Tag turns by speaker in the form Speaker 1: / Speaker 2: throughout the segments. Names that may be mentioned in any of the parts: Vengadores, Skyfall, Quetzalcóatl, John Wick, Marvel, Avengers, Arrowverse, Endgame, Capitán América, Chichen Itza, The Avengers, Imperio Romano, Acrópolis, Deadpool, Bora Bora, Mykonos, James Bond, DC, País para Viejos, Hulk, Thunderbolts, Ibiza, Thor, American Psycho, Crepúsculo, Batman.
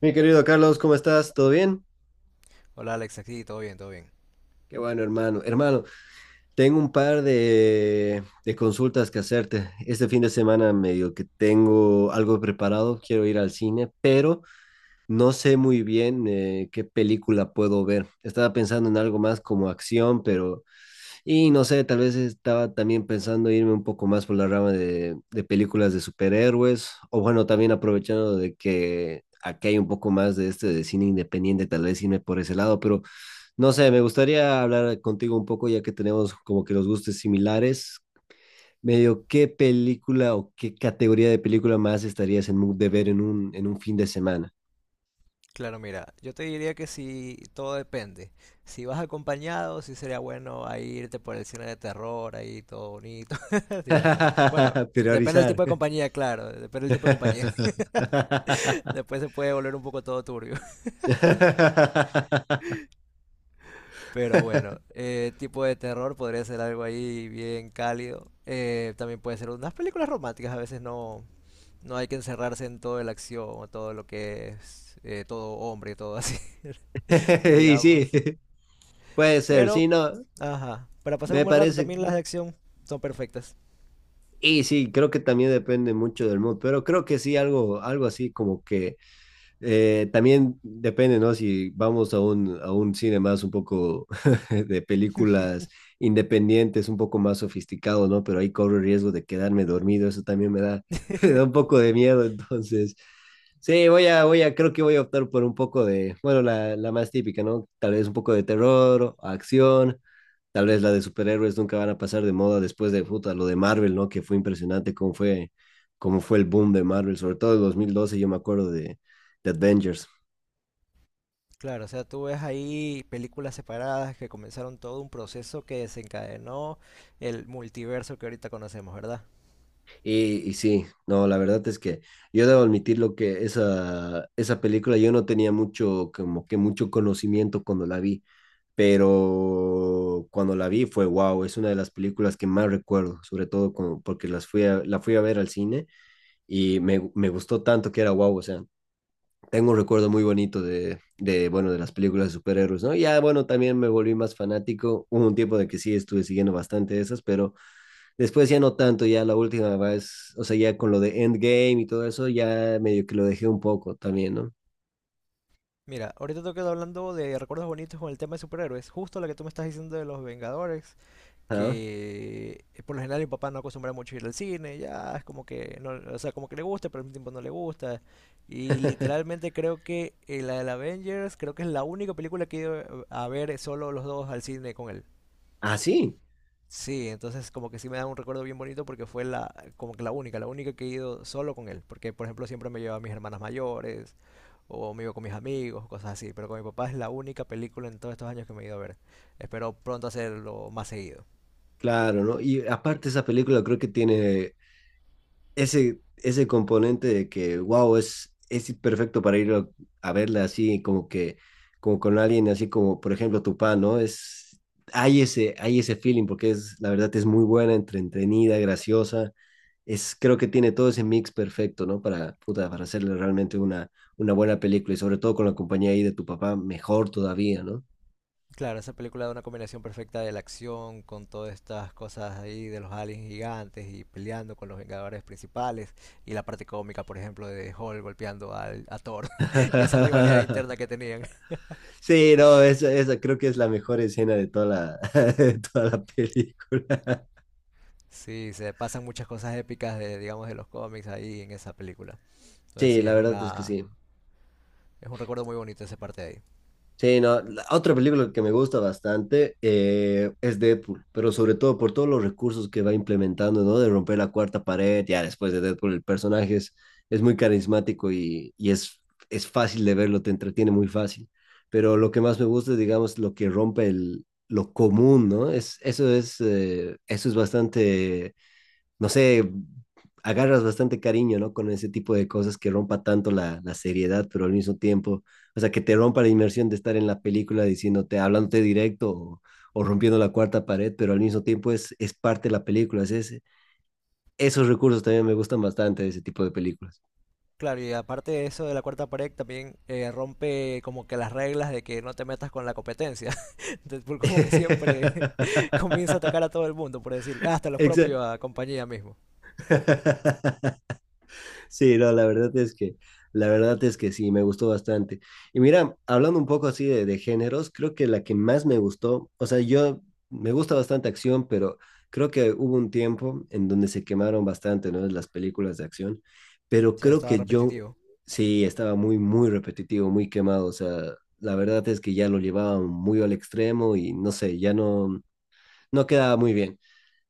Speaker 1: Mi querido Carlos, ¿cómo estás? ¿Todo bien?
Speaker 2: Hola Alex, aquí todo bien, todo bien.
Speaker 1: Qué bueno, hermano. Hermano, tengo un par de consultas que hacerte. Este fin de semana medio que tengo algo preparado, quiero ir al cine, pero no sé muy bien qué película puedo ver. Estaba pensando en algo más como acción, pero ...y no sé, tal vez estaba también pensando irme un poco más por la rama de películas de superhéroes, o bueno, también aprovechando de que... aquí hay un poco más de de cine independiente, tal vez irme por ese lado, pero no sé, me gustaría hablar contigo un poco, ya que tenemos como que los gustos similares. Medio, ¿qué película o qué categoría de película más estarías en mood de ver en un fin de semana?
Speaker 2: Claro, mira, yo te diría que si todo depende. Si vas acompañado, sí sería bueno a irte por el cine de terror, ahí todo bonito, digamos. Bueno, depende del
Speaker 1: Priorizar.
Speaker 2: tipo de compañía, claro, depende del tipo de compañía. Después se puede volver un poco todo turbio. Pero bueno, tipo de terror podría ser algo ahí bien cálido. También puede ser unas películas románticas, a veces no hay que encerrarse en toda la acción o todo lo que es todo hombre, todo así,
Speaker 1: Y sí,
Speaker 2: digamos.
Speaker 1: puede ser,
Speaker 2: Pero,
Speaker 1: sí, no,
Speaker 2: ajá, para pasar un
Speaker 1: me
Speaker 2: buen rato
Speaker 1: parece.
Speaker 2: también las de acción son perfectas.
Speaker 1: Y sí, creo que también depende mucho del mood, pero creo que sí, algo, algo así como que también depende, ¿no? Si vamos a un cine más un poco de películas independientes, un poco más sofisticado, ¿no? Pero ahí corro el riesgo de quedarme dormido, eso también me da, me da un poco de miedo, entonces... Sí, creo que voy a optar por un poco de, bueno, la más típica, ¿no? Tal vez un poco de terror, acción, tal vez la de superhéroes nunca van a pasar de moda después de puta, lo de Marvel, ¿no? Que fue impresionante cómo fue el boom de Marvel, sobre todo en 2012 yo me acuerdo de The Avengers.
Speaker 2: Claro, o sea, tú ves ahí películas separadas que comenzaron todo un proceso que desencadenó el multiverso que ahorita conocemos, ¿verdad?
Speaker 1: Y, sí, no, la verdad es que yo debo admitir lo que esa película yo no tenía mucho, como que mucho conocimiento cuando la vi, pero cuando la vi fue wow, es una de las películas que más recuerdo, sobre todo como porque la fui a ver al cine y me gustó tanto que era wow, o sea, tengo un recuerdo muy bonito bueno, de las películas de superhéroes, ¿no? Ya, bueno, también me volví más fanático, hubo un tiempo de que sí estuve siguiendo bastante esas, pero después ya no tanto, ya la última vez, o sea, ya con lo de Endgame y todo eso, ya medio que lo dejé un poco también, ¿no?
Speaker 2: Mira, ahorita te quedo hablando de recuerdos bonitos con el tema de superhéroes, justo la que tú me estás diciendo de los Vengadores,
Speaker 1: Ah.
Speaker 2: que por lo general mi papá no acostumbra mucho a ir al cine, ya es como que no, o sea, como que le gusta, pero al mismo tiempo no le gusta. Y literalmente creo que la del Avengers creo que es la única película que he ido a ver solo los dos al cine con él.
Speaker 1: Ah, sí,
Speaker 2: Sí, entonces como que sí me da un recuerdo bien bonito porque fue la como que la única que he ido solo con él, porque por ejemplo siempre me llevaba a mis hermanas mayores o me iba con mis amigos, cosas así, pero con mi papá es la única película en todos estos años que me he ido a ver. Espero pronto hacerlo más seguido.
Speaker 1: claro, ¿no? Y aparte esa película creo que tiene ese componente de que, wow, es perfecto para ir a verla así, como que, como con alguien así como, por ejemplo, Tupá, ¿no? Es, hay ese feeling porque es, la verdad, es muy buena, entretenida, graciosa es, creo que tiene todo ese mix perfecto, ¿no? Para, puta, para hacerle realmente una buena película y sobre todo con la compañía ahí de tu papá, mejor todavía, ¿no?
Speaker 2: Claro, esa película da una combinación perfecta de la acción con todas estas cosas ahí de los aliens gigantes y peleando con los Vengadores principales y la parte cómica, por ejemplo, de Hulk golpeando a Thor y esa rivalidad interna que tenían.
Speaker 1: Sí, no, esa creo que es la mejor escena de toda la, de toda la película.
Speaker 2: Sí, se pasan muchas cosas épicas de, digamos, de los cómics ahí en esa película. Entonces
Speaker 1: Sí,
Speaker 2: sí,
Speaker 1: la
Speaker 2: es
Speaker 1: verdad es que
Speaker 2: una,
Speaker 1: sí.
Speaker 2: es un recuerdo muy bonito esa parte de ahí.
Speaker 1: Sí, no, la otra película que me gusta bastante es Deadpool, pero sobre todo por todos los recursos que va implementando, ¿no? De romper la cuarta pared, ya después de Deadpool el personaje es muy carismático y es fácil de verlo, te entretiene muy fácil. Pero lo que más me gusta es, digamos, lo que rompe el, lo común, ¿no? Es, eso es, eso es bastante no sé, agarras bastante cariño, ¿no? Con ese tipo de cosas que rompa tanto la seriedad, pero al mismo tiempo, o sea, que te rompa la inmersión de estar en la película diciéndote, hablándote directo o rompiendo la cuarta pared, pero al mismo tiempo es parte de la película. Es, ese, esos recursos también me gustan bastante de ese tipo de películas.
Speaker 2: Claro, y aparte de eso de la cuarta pared también rompe como que las reglas de que no te metas con la competencia. Entonces, como que siempre comienza a atacar a todo el mundo, por decir, hasta los
Speaker 1: Exacto.
Speaker 2: propios a compañía mismo.
Speaker 1: Sí, no, la verdad es que sí, me gustó bastante. Y mira, hablando un poco así de géneros, creo que la que más me gustó, o sea, yo me gusta bastante acción, pero creo que hubo un tiempo en donde se quemaron bastante, ¿no? Las películas de acción, pero
Speaker 2: Sí,
Speaker 1: creo
Speaker 2: estaba
Speaker 1: que yo
Speaker 2: repetitivo.
Speaker 1: sí estaba muy repetitivo, muy quemado, o sea, la verdad es que ya lo llevaban muy al extremo y no sé, no quedaba muy bien,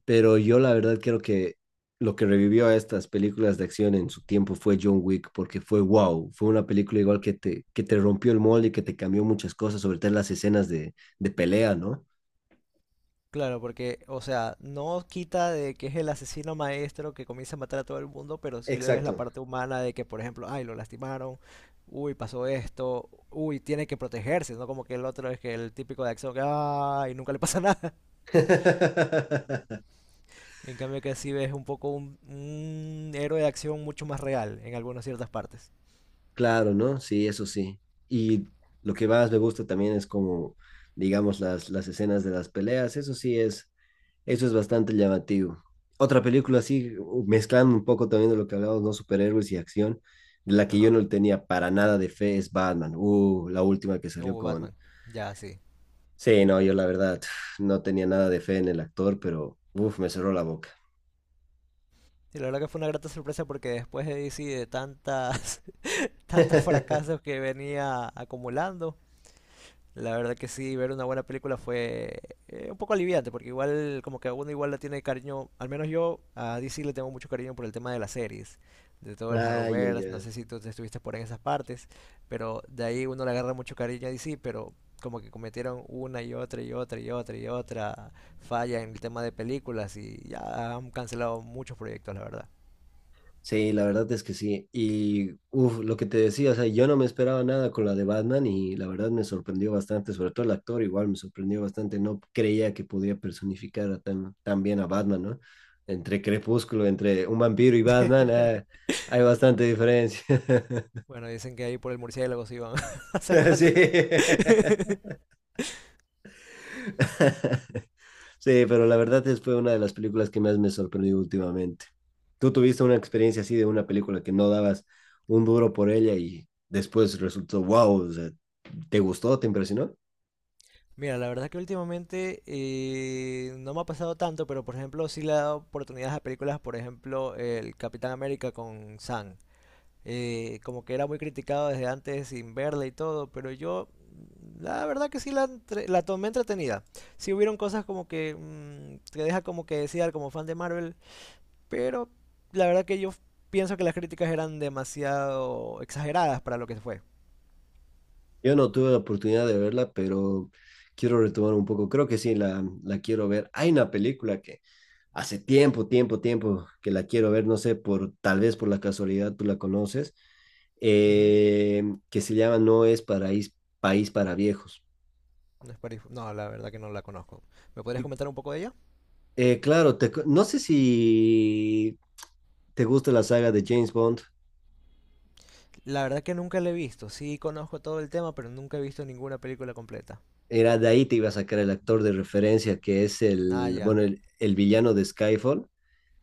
Speaker 1: pero yo la verdad creo que lo que revivió a estas películas de acción en su tiempo fue John Wick, porque fue wow, fue una película igual que te rompió el molde y que te cambió muchas cosas, sobre todo en las escenas de pelea, ¿no?
Speaker 2: Claro, porque, o sea, no quita de que es el asesino maestro que comienza a matar a todo el mundo, pero sí le ves la
Speaker 1: Exacto.
Speaker 2: parte humana de que, por ejemplo, ay, lo lastimaron, uy, pasó esto, uy, tiene que protegerse, ¿no? Como que el otro es que el típico de acción que, ay, nunca le pasa nada. En cambio que sí ves un poco un héroe de acción mucho más real en algunas ciertas partes.
Speaker 1: Claro, ¿no? Sí, eso sí. Y lo que más me gusta también es como, digamos, las escenas de las peleas, eso sí es, eso es bastante llamativo. Otra película así, mezclando un poco también de lo que hablábamos, ¿no? Superhéroes y acción, de la que yo
Speaker 2: Ajá.
Speaker 1: no tenía para nada de fe es Batman. La última que salió con...
Speaker 2: Batman. Ya, sí.
Speaker 1: Sí, no, yo la verdad no tenía nada de fe en el actor, pero uf, me cerró la boca.
Speaker 2: Y la verdad que fue una grata sorpresa porque después de DC de tantas, tantos fracasos que venía acumulando, la verdad que sí, ver una buena película fue un poco aliviante, porque igual como que a uno igual le tiene cariño, al menos yo a DC le tengo mucho cariño por el tema de las series, de todo el
Speaker 1: Ay, ay,
Speaker 2: Arrowverse, no
Speaker 1: ay.
Speaker 2: sé si tú te estuviste por ahí en esas partes, pero de ahí uno le agarra mucho cariño a DC, pero como que cometieron una y otra y otra y otra y otra falla en el tema de películas y ya han cancelado muchos proyectos, la verdad.
Speaker 1: Sí, la verdad es que sí. Y uf, lo que te decía, o sea, yo no me esperaba nada con la de Batman y la verdad me sorprendió bastante, sobre todo el actor igual me sorprendió bastante, no creía que podía personificar a tan bien a Batman, ¿no? Entre Crepúsculo, entre un vampiro y Batman, ah, hay bastante diferencia.
Speaker 2: Bueno, dicen que ahí por el murciélago se iban
Speaker 1: Sí.
Speaker 2: acercando.
Speaker 1: Sí, pero la verdad es fue una de las películas que más me sorprendió últimamente. Tú tuviste una experiencia así de una película que no dabas un duro por ella y después resultó, wow, o sea, ¿te gustó? ¿Te impresionó?
Speaker 2: Mira, la verdad que últimamente no me ha pasado tanto, pero por ejemplo sí le he dado oportunidades a películas, por ejemplo el Capitán América con Sam. Como que era muy criticado desde antes sin verla y todo, pero yo la verdad que sí la tomé entretenida. Sí hubieron cosas como que te deja como que desear como fan de Marvel, pero la verdad que yo pienso que las críticas eran demasiado exageradas para lo que fue.
Speaker 1: Yo no tuve la oportunidad de verla, pero quiero retomar un poco. Creo que sí, la quiero ver. Hay una película que hace tiempo, tiempo, tiempo que la quiero ver, no sé, por tal vez por la casualidad tú la conoces,
Speaker 2: Ujú.
Speaker 1: eh, que se llama No es paraís, País para Viejos.
Speaker 2: No, la verdad que no la conozco. ¿Me podrías comentar un poco de ella?
Speaker 1: Claro, no sé si te gusta la saga de James Bond.
Speaker 2: La verdad que nunca la he visto. Sí conozco todo el tema, pero nunca he visto ninguna película completa.
Speaker 1: Era de ahí te iba a sacar el actor de referencia que es
Speaker 2: Ah,
Speaker 1: el,
Speaker 2: ya.
Speaker 1: bueno, el villano de Skyfall,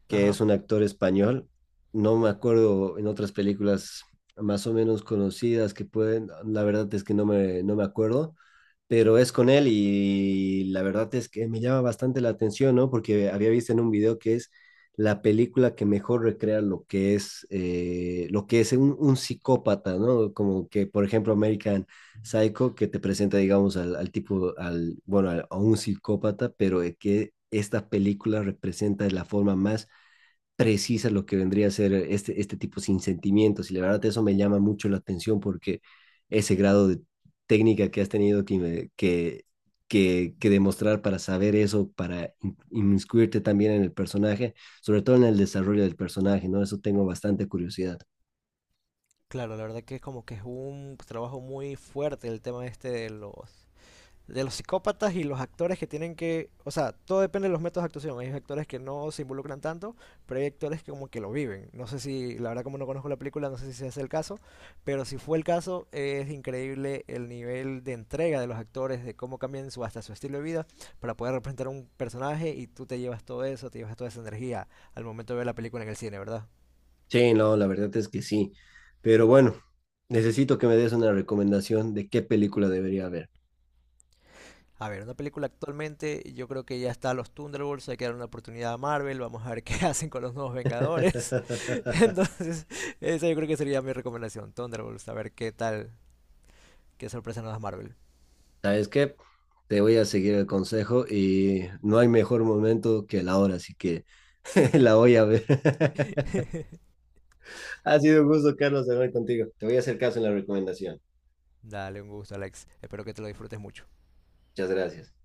Speaker 1: que
Speaker 2: Ajá.
Speaker 1: es un actor español. No me acuerdo en otras películas más o menos conocidas que pueden, la verdad es que no me acuerdo, pero es con él y la verdad es que me llama bastante la atención, ¿no? Porque había visto en un video que es la película que mejor recrea lo que es un psicópata, ¿no? Como que, por ejemplo, American Psycho, que te presenta, digamos, al, al tipo, al, bueno, a un psicópata, pero que esta película representa de la forma más precisa lo que vendría a ser este, este tipo sin sentimientos. Y la verdad eso me llama mucho la atención porque ese grado de técnica que has tenido que, que demostrar para saber eso, para inmiscuirte también en el personaje, sobre todo en el desarrollo del personaje, ¿no? Eso tengo bastante curiosidad.
Speaker 2: Claro, la verdad que es como que es un trabajo muy fuerte el tema este de los psicópatas y los actores que tienen que, o sea, todo depende de los métodos de actuación. Hay actores que no se involucran tanto, pero hay actores que como que lo viven. No sé si, la verdad como no conozco la película, no sé si ese es el caso, pero si fue el caso, es increíble el nivel de entrega de los actores, de cómo cambian su, hasta su estilo de vida para poder representar un personaje y tú te llevas todo eso, te llevas toda esa energía al momento de ver la película en el cine, ¿verdad?
Speaker 1: Sí, no, la verdad es que sí. Pero bueno, necesito que me des una recomendación de qué película debería ver.
Speaker 2: A ver, una película actualmente, yo creo que ya está los Thunderbolts, hay que dar una oportunidad a Marvel, vamos a ver qué hacen con los nuevos Vengadores. Entonces, esa yo creo que sería mi recomendación, Thunderbolts, a ver qué tal, qué sorpresa nos da Marvel.
Speaker 1: ¿Sabes qué? Te voy a seguir el consejo y no hay mejor momento que la hora, así que la voy a ver. Ha sido un gusto, Carlos, hablar contigo. Te voy a hacer caso en la recomendación.
Speaker 2: Dale, un gusto, Alex. Espero que te lo disfrutes mucho.
Speaker 1: Muchas gracias.